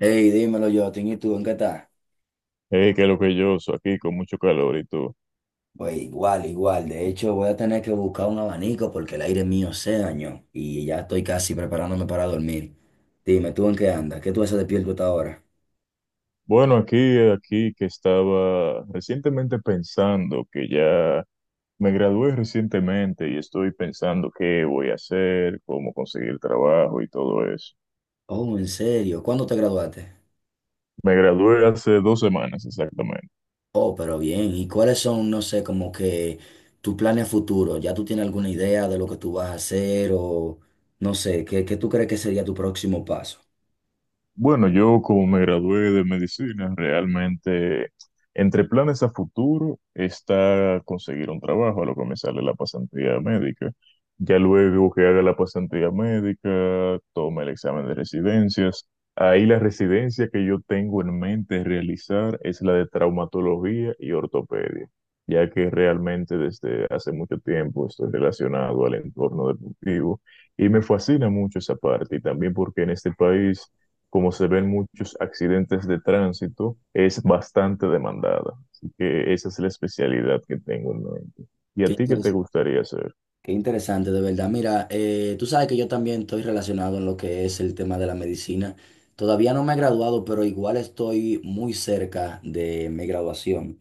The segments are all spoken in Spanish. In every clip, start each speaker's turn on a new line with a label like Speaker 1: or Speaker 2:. Speaker 1: Hey, dímelo, Jotin, ¿y tú en qué estás?
Speaker 2: Hey, qué lo que yo soy aquí con mucho calor y tú.
Speaker 1: Pues igual. De hecho, voy a tener que buscar un abanico porque el aire mío se dañó y ya estoy casi preparándome para dormir. Dime, ¿tú en qué andas? ¿Qué tú haces despierto hasta ahora?
Speaker 2: Bueno, aquí que estaba recientemente pensando que ya me gradué recientemente y estoy pensando qué voy a hacer, cómo conseguir trabajo y todo eso.
Speaker 1: Oh, ¿en serio? ¿Cuándo te graduaste?
Speaker 2: Me gradué hace 2 semanas exactamente.
Speaker 1: Oh, pero bien. ¿Y cuáles son, no sé, como que tus planes futuros? ¿Ya tú tienes alguna idea de lo que tú vas a hacer o no sé, qué tú crees que sería tu próximo paso?
Speaker 2: Bueno, yo como me gradué de medicina, realmente entre planes a futuro está conseguir un trabajo, a lo que me sale la pasantía médica. Ya luego que haga la pasantía médica, tome el examen de residencias. Ahí la residencia que yo tengo en mente realizar es la de traumatología y ortopedia, ya que realmente desde hace mucho tiempo estoy relacionado al entorno deportivo y me fascina mucho esa parte y también porque en este país como se ven muchos accidentes de tránsito, es bastante demandada. Así que esa es la especialidad que tengo en mente. ¿Y
Speaker 1: Qué
Speaker 2: a ti qué te
Speaker 1: interesante.
Speaker 2: gustaría hacer?
Speaker 1: Qué interesante, de verdad. Mira, tú sabes que yo también estoy relacionado en lo que es el tema de la medicina. Todavía no me he graduado, pero igual estoy muy cerca de mi graduación.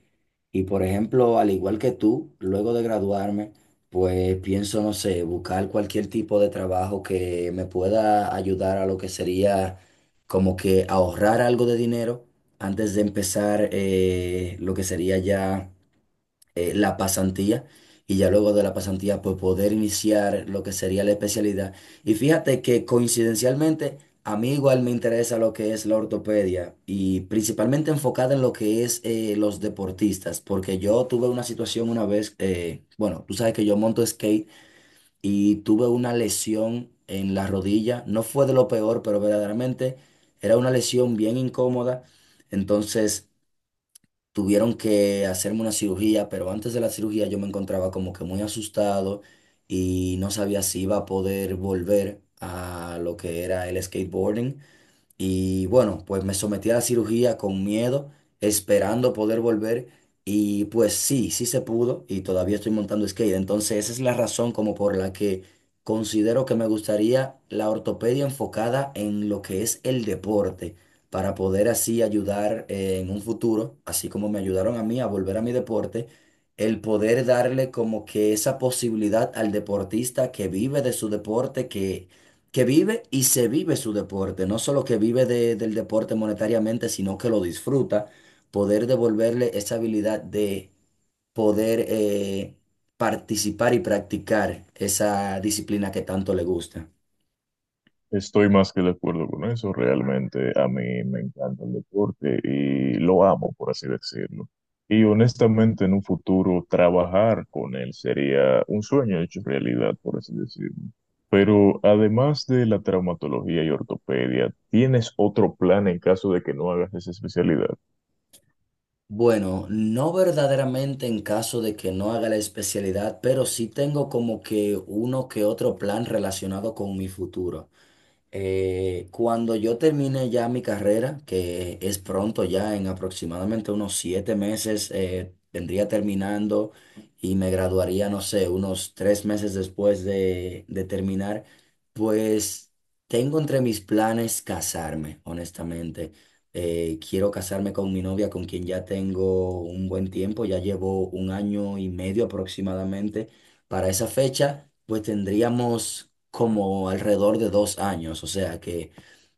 Speaker 1: Y por ejemplo, al igual que tú, luego de graduarme, pues pienso, no sé, buscar cualquier tipo de trabajo que me pueda ayudar a lo que sería como que ahorrar algo de dinero antes de empezar lo que sería ya, la pasantía, y ya luego de la pasantía pues poder iniciar lo que sería la especialidad. Y fíjate que coincidencialmente a mí igual me interesa lo que es la ortopedia y principalmente enfocada en lo que es los deportistas, porque yo tuve una situación una vez, bueno, tú sabes que yo monto skate y tuve una lesión en la rodilla, no fue de lo peor, pero verdaderamente era una lesión bien incómoda. Entonces, tuvieron que hacerme una cirugía, pero antes de la cirugía yo me encontraba como que muy asustado y no sabía si iba a poder volver a lo que era el skateboarding. Y bueno, pues me sometí a la cirugía con miedo, esperando poder volver. Y pues sí, sí se pudo y todavía estoy montando skate. Entonces esa es la razón como por la que considero que me gustaría la ortopedia enfocada en lo que es el deporte, para poder así ayudar en un futuro, así como me ayudaron a mí a volver a mi deporte, el poder darle como que esa posibilidad al deportista que vive de su deporte, que vive y se vive su deporte, no solo que vive del deporte monetariamente, sino que lo disfruta, poder devolverle esa habilidad de poder, participar y practicar esa disciplina que tanto le gusta.
Speaker 2: Estoy más que de acuerdo con eso. Realmente a mí me encanta el deporte y lo amo, por así decirlo. Y honestamente, en un futuro, trabajar con él sería un sueño hecho realidad, por así decirlo. Pero además de la traumatología y ortopedia, ¿tienes otro plan en caso de que no hagas esa especialidad?
Speaker 1: Bueno, no verdaderamente en caso de que no haga la especialidad, pero sí tengo como que uno que otro plan relacionado con mi futuro. Cuando yo termine ya mi carrera, que es pronto ya, en aproximadamente unos 7 meses, vendría terminando y me graduaría, no sé, unos 3 meses después de terminar, pues tengo entre mis planes casarme, honestamente. Quiero casarme con mi novia, con quien ya tengo un buen tiempo, ya llevo un año y medio aproximadamente. Para esa fecha, pues tendríamos como alrededor de dos años, o sea que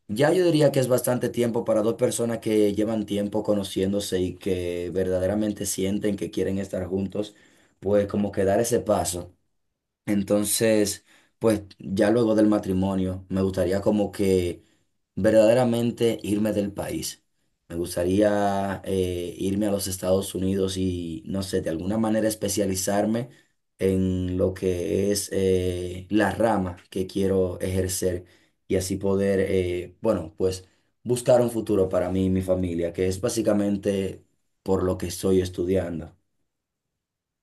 Speaker 1: ya yo diría que es bastante tiempo para dos personas que llevan tiempo conociéndose y que verdaderamente sienten que quieren estar juntos, pues como que dar ese paso. Entonces, pues ya luego del matrimonio, me gustaría como que verdaderamente irme del país. Me gustaría, irme a los Estados Unidos y, no sé, de alguna manera especializarme en lo que es, la rama que quiero ejercer y así poder, bueno, pues buscar un futuro para mí y mi familia, que es básicamente por lo que estoy estudiando.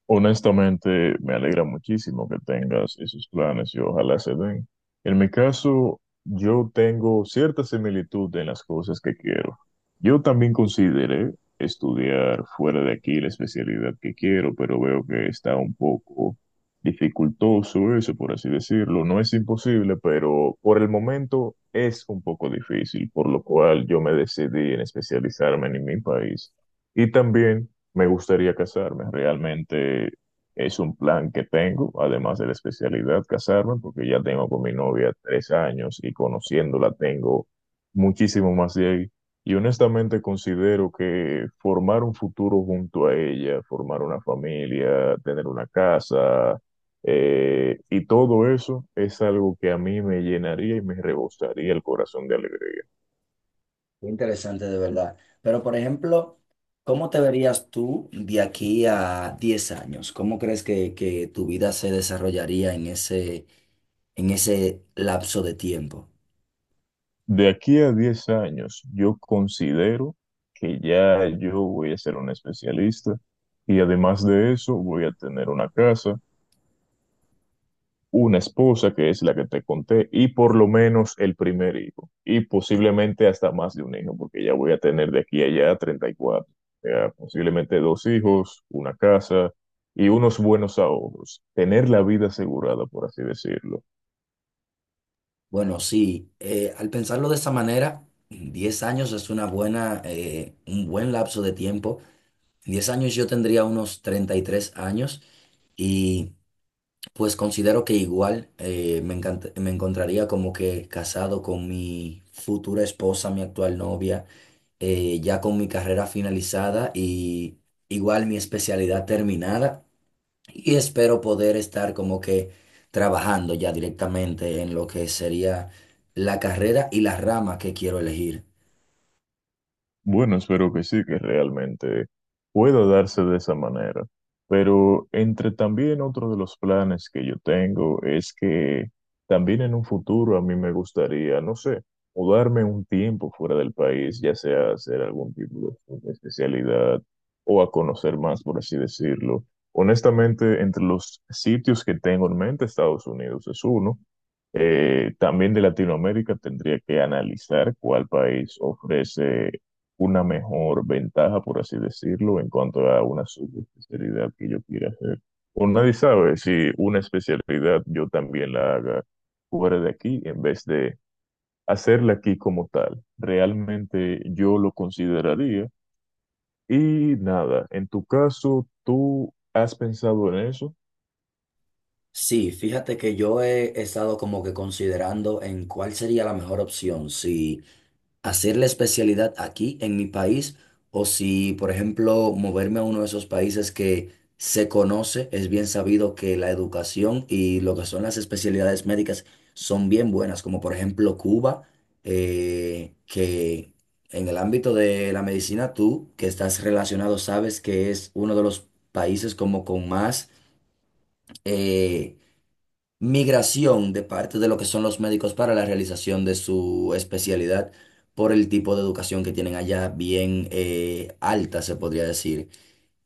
Speaker 2: Honestamente, me alegra muchísimo que tengas esos planes y ojalá se den. En mi caso, yo tengo cierta similitud en las cosas que quiero. Yo también consideré estudiar fuera de aquí la especialidad que quiero, pero veo que está un poco dificultoso eso, por así decirlo. No es imposible, pero por el momento es un poco difícil, por lo cual yo me decidí en especializarme en mi país. Y también, me gustaría casarme, realmente es un plan que tengo, además de la especialidad casarme, porque ya tengo con mi novia 3 años y conociéndola tengo muchísimo más de ahí. Y honestamente considero que formar un futuro junto a ella, formar una familia, tener una casa, y todo eso es algo que a mí me llenaría y me rebosaría el corazón de alegría.
Speaker 1: Qué interesante de verdad. Pero, por ejemplo, ¿cómo te verías tú de aquí a 10 años? ¿Cómo crees que tu vida se desarrollaría en en ese lapso de tiempo?
Speaker 2: De aquí a 10 años, yo considero que ya yo voy a ser un especialista y además de eso voy a tener una casa, una esposa que es la que te conté y por lo menos el primer hijo y posiblemente hasta más de un hijo porque ya voy a tener de aquí a allá 34, ya posiblemente dos hijos, una casa y unos buenos ahorros, tener la vida asegurada por así decirlo.
Speaker 1: Bueno, sí, al pensarlo de esa manera, 10 años es una buena, un buen lapso de tiempo. En 10 años yo tendría unos 33 años, y pues considero que igual, me encontraría como que casado con mi futura esposa, mi actual novia, ya con mi carrera finalizada y igual mi especialidad terminada, y espero poder estar como que trabajando ya directamente en lo que sería la carrera y la rama que quiero elegir.
Speaker 2: Bueno, espero que sí, que realmente pueda darse de esa manera. Pero entre también otro de los planes que yo tengo es que también en un futuro a mí me gustaría, no sé, mudarme un tiempo fuera del país, ya sea hacer algún tipo de especialidad o a conocer más, por así decirlo. Honestamente, entre los sitios que tengo en mente, Estados Unidos es uno. También de Latinoamérica tendría que analizar cuál país ofrece una mejor ventaja, por así decirlo, en cuanto a una subespecialidad que yo quiera hacer. O nadie sabe si una especialidad yo también la haga fuera de aquí en vez de hacerla aquí como tal. Realmente yo lo consideraría. Y nada, en tu caso, ¿tú has pensado en eso?
Speaker 1: Sí, fíjate que yo he estado como que considerando en cuál sería la mejor opción, si hacer la especialidad aquí en mi país o si, por ejemplo, moverme a uno de esos países que se conoce, es bien sabido que la educación y lo que son las especialidades médicas son bien buenas, como por ejemplo Cuba, que en el ámbito de la medicina tú, que estás relacionado, sabes que es uno de los países como con más... eh, migración de parte de lo que son los médicos para la realización de su especialidad por el tipo de educación que tienen allá, bien, alta, se podría decir.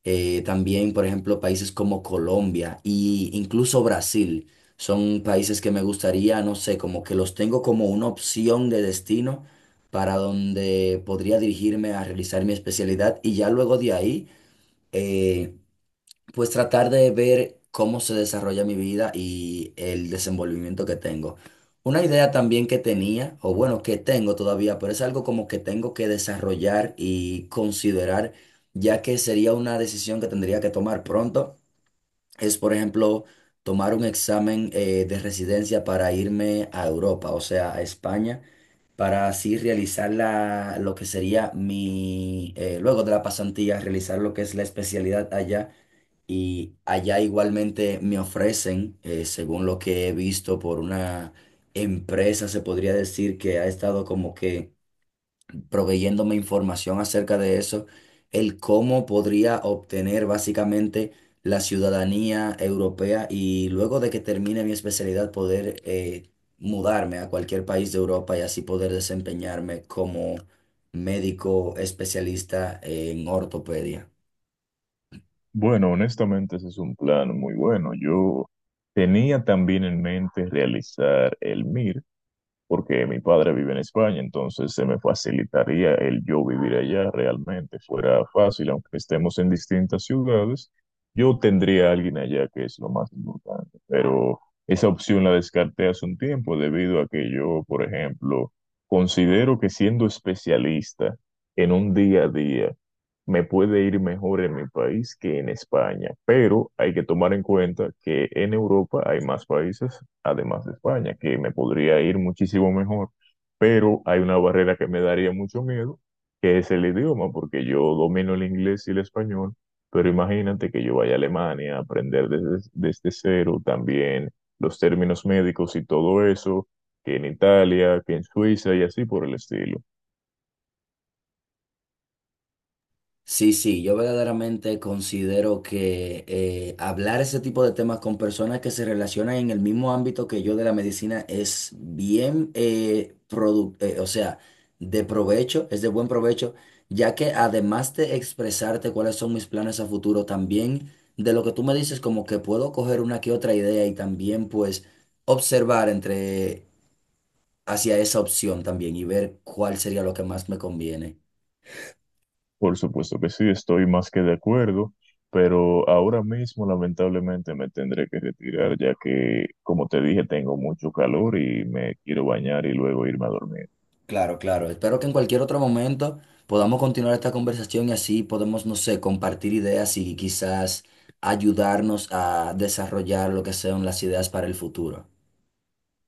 Speaker 1: También, por ejemplo, países como Colombia e incluso Brasil son países que me gustaría, no sé, como que los tengo como una opción de destino para donde podría dirigirme a realizar mi especialidad y ya luego de ahí, eh, pues tratar de ver cómo se desarrolla mi vida y el desenvolvimiento que tengo. Una idea también que tenía, o bueno, que tengo todavía, pero es algo como que tengo que desarrollar y considerar, ya que sería una decisión que tendría que tomar pronto, es por ejemplo tomar un examen, de residencia para irme a Europa, o sea, a España, para así realizar lo que sería mi, luego de la pasantía, realizar lo que es la especialidad allá, y allá igualmente me ofrecen, según lo que he visto por una empresa, se podría decir que ha estado como que proveyéndome información acerca de eso, el cómo podría obtener básicamente la ciudadanía europea y luego de que termine mi especialidad poder, mudarme a cualquier país de Europa y así poder desempeñarme como médico especialista en ortopedia.
Speaker 2: Bueno, honestamente ese es un plan muy bueno. Yo tenía también en mente realizar el MIR, porque mi padre vive en España, entonces se me facilitaría el yo vivir allá realmente, fuera fácil, aunque estemos en distintas ciudades, yo tendría a alguien allá que es lo más importante, pero esa opción la descarté hace un tiempo debido a que yo, por ejemplo, considero que siendo especialista en un día a día, me puede ir mejor en mi país que en España, pero hay que tomar en cuenta que en Europa hay más países además de España, que me podría ir muchísimo mejor, pero hay una barrera que me daría mucho miedo, que es el idioma, porque yo domino el inglés y el español, pero imagínate que yo vaya a Alemania a aprender desde cero también los términos médicos y todo eso, que en Italia, que en Suiza y así por el estilo.
Speaker 1: Sí, sí, yo verdaderamente considero que, hablar ese tipo de temas con personas que se relacionan en el mismo ámbito que yo de la medicina es bien, o sea, de provecho, es de buen provecho, ya que además de expresarte cuáles son mis planes a futuro, también de lo que tú me dices, como que puedo coger una que otra idea y también pues observar entre hacia esa opción también y ver cuál sería lo que más me conviene.
Speaker 2: Por supuesto que sí, estoy más que de acuerdo, pero ahora mismo lamentablemente me tendré que retirar ya que, como te dije, tengo mucho calor y me quiero bañar y luego irme a dormir.
Speaker 1: Claro, claro. Espero que en cualquier otro momento podamos continuar esta conversación y así podemos, no sé, compartir ideas y quizás ayudarnos a desarrollar lo que sean las ideas para el futuro.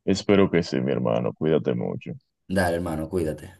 Speaker 2: Espero que sí, mi hermano, cuídate mucho.
Speaker 1: Dale, hermano, cuídate.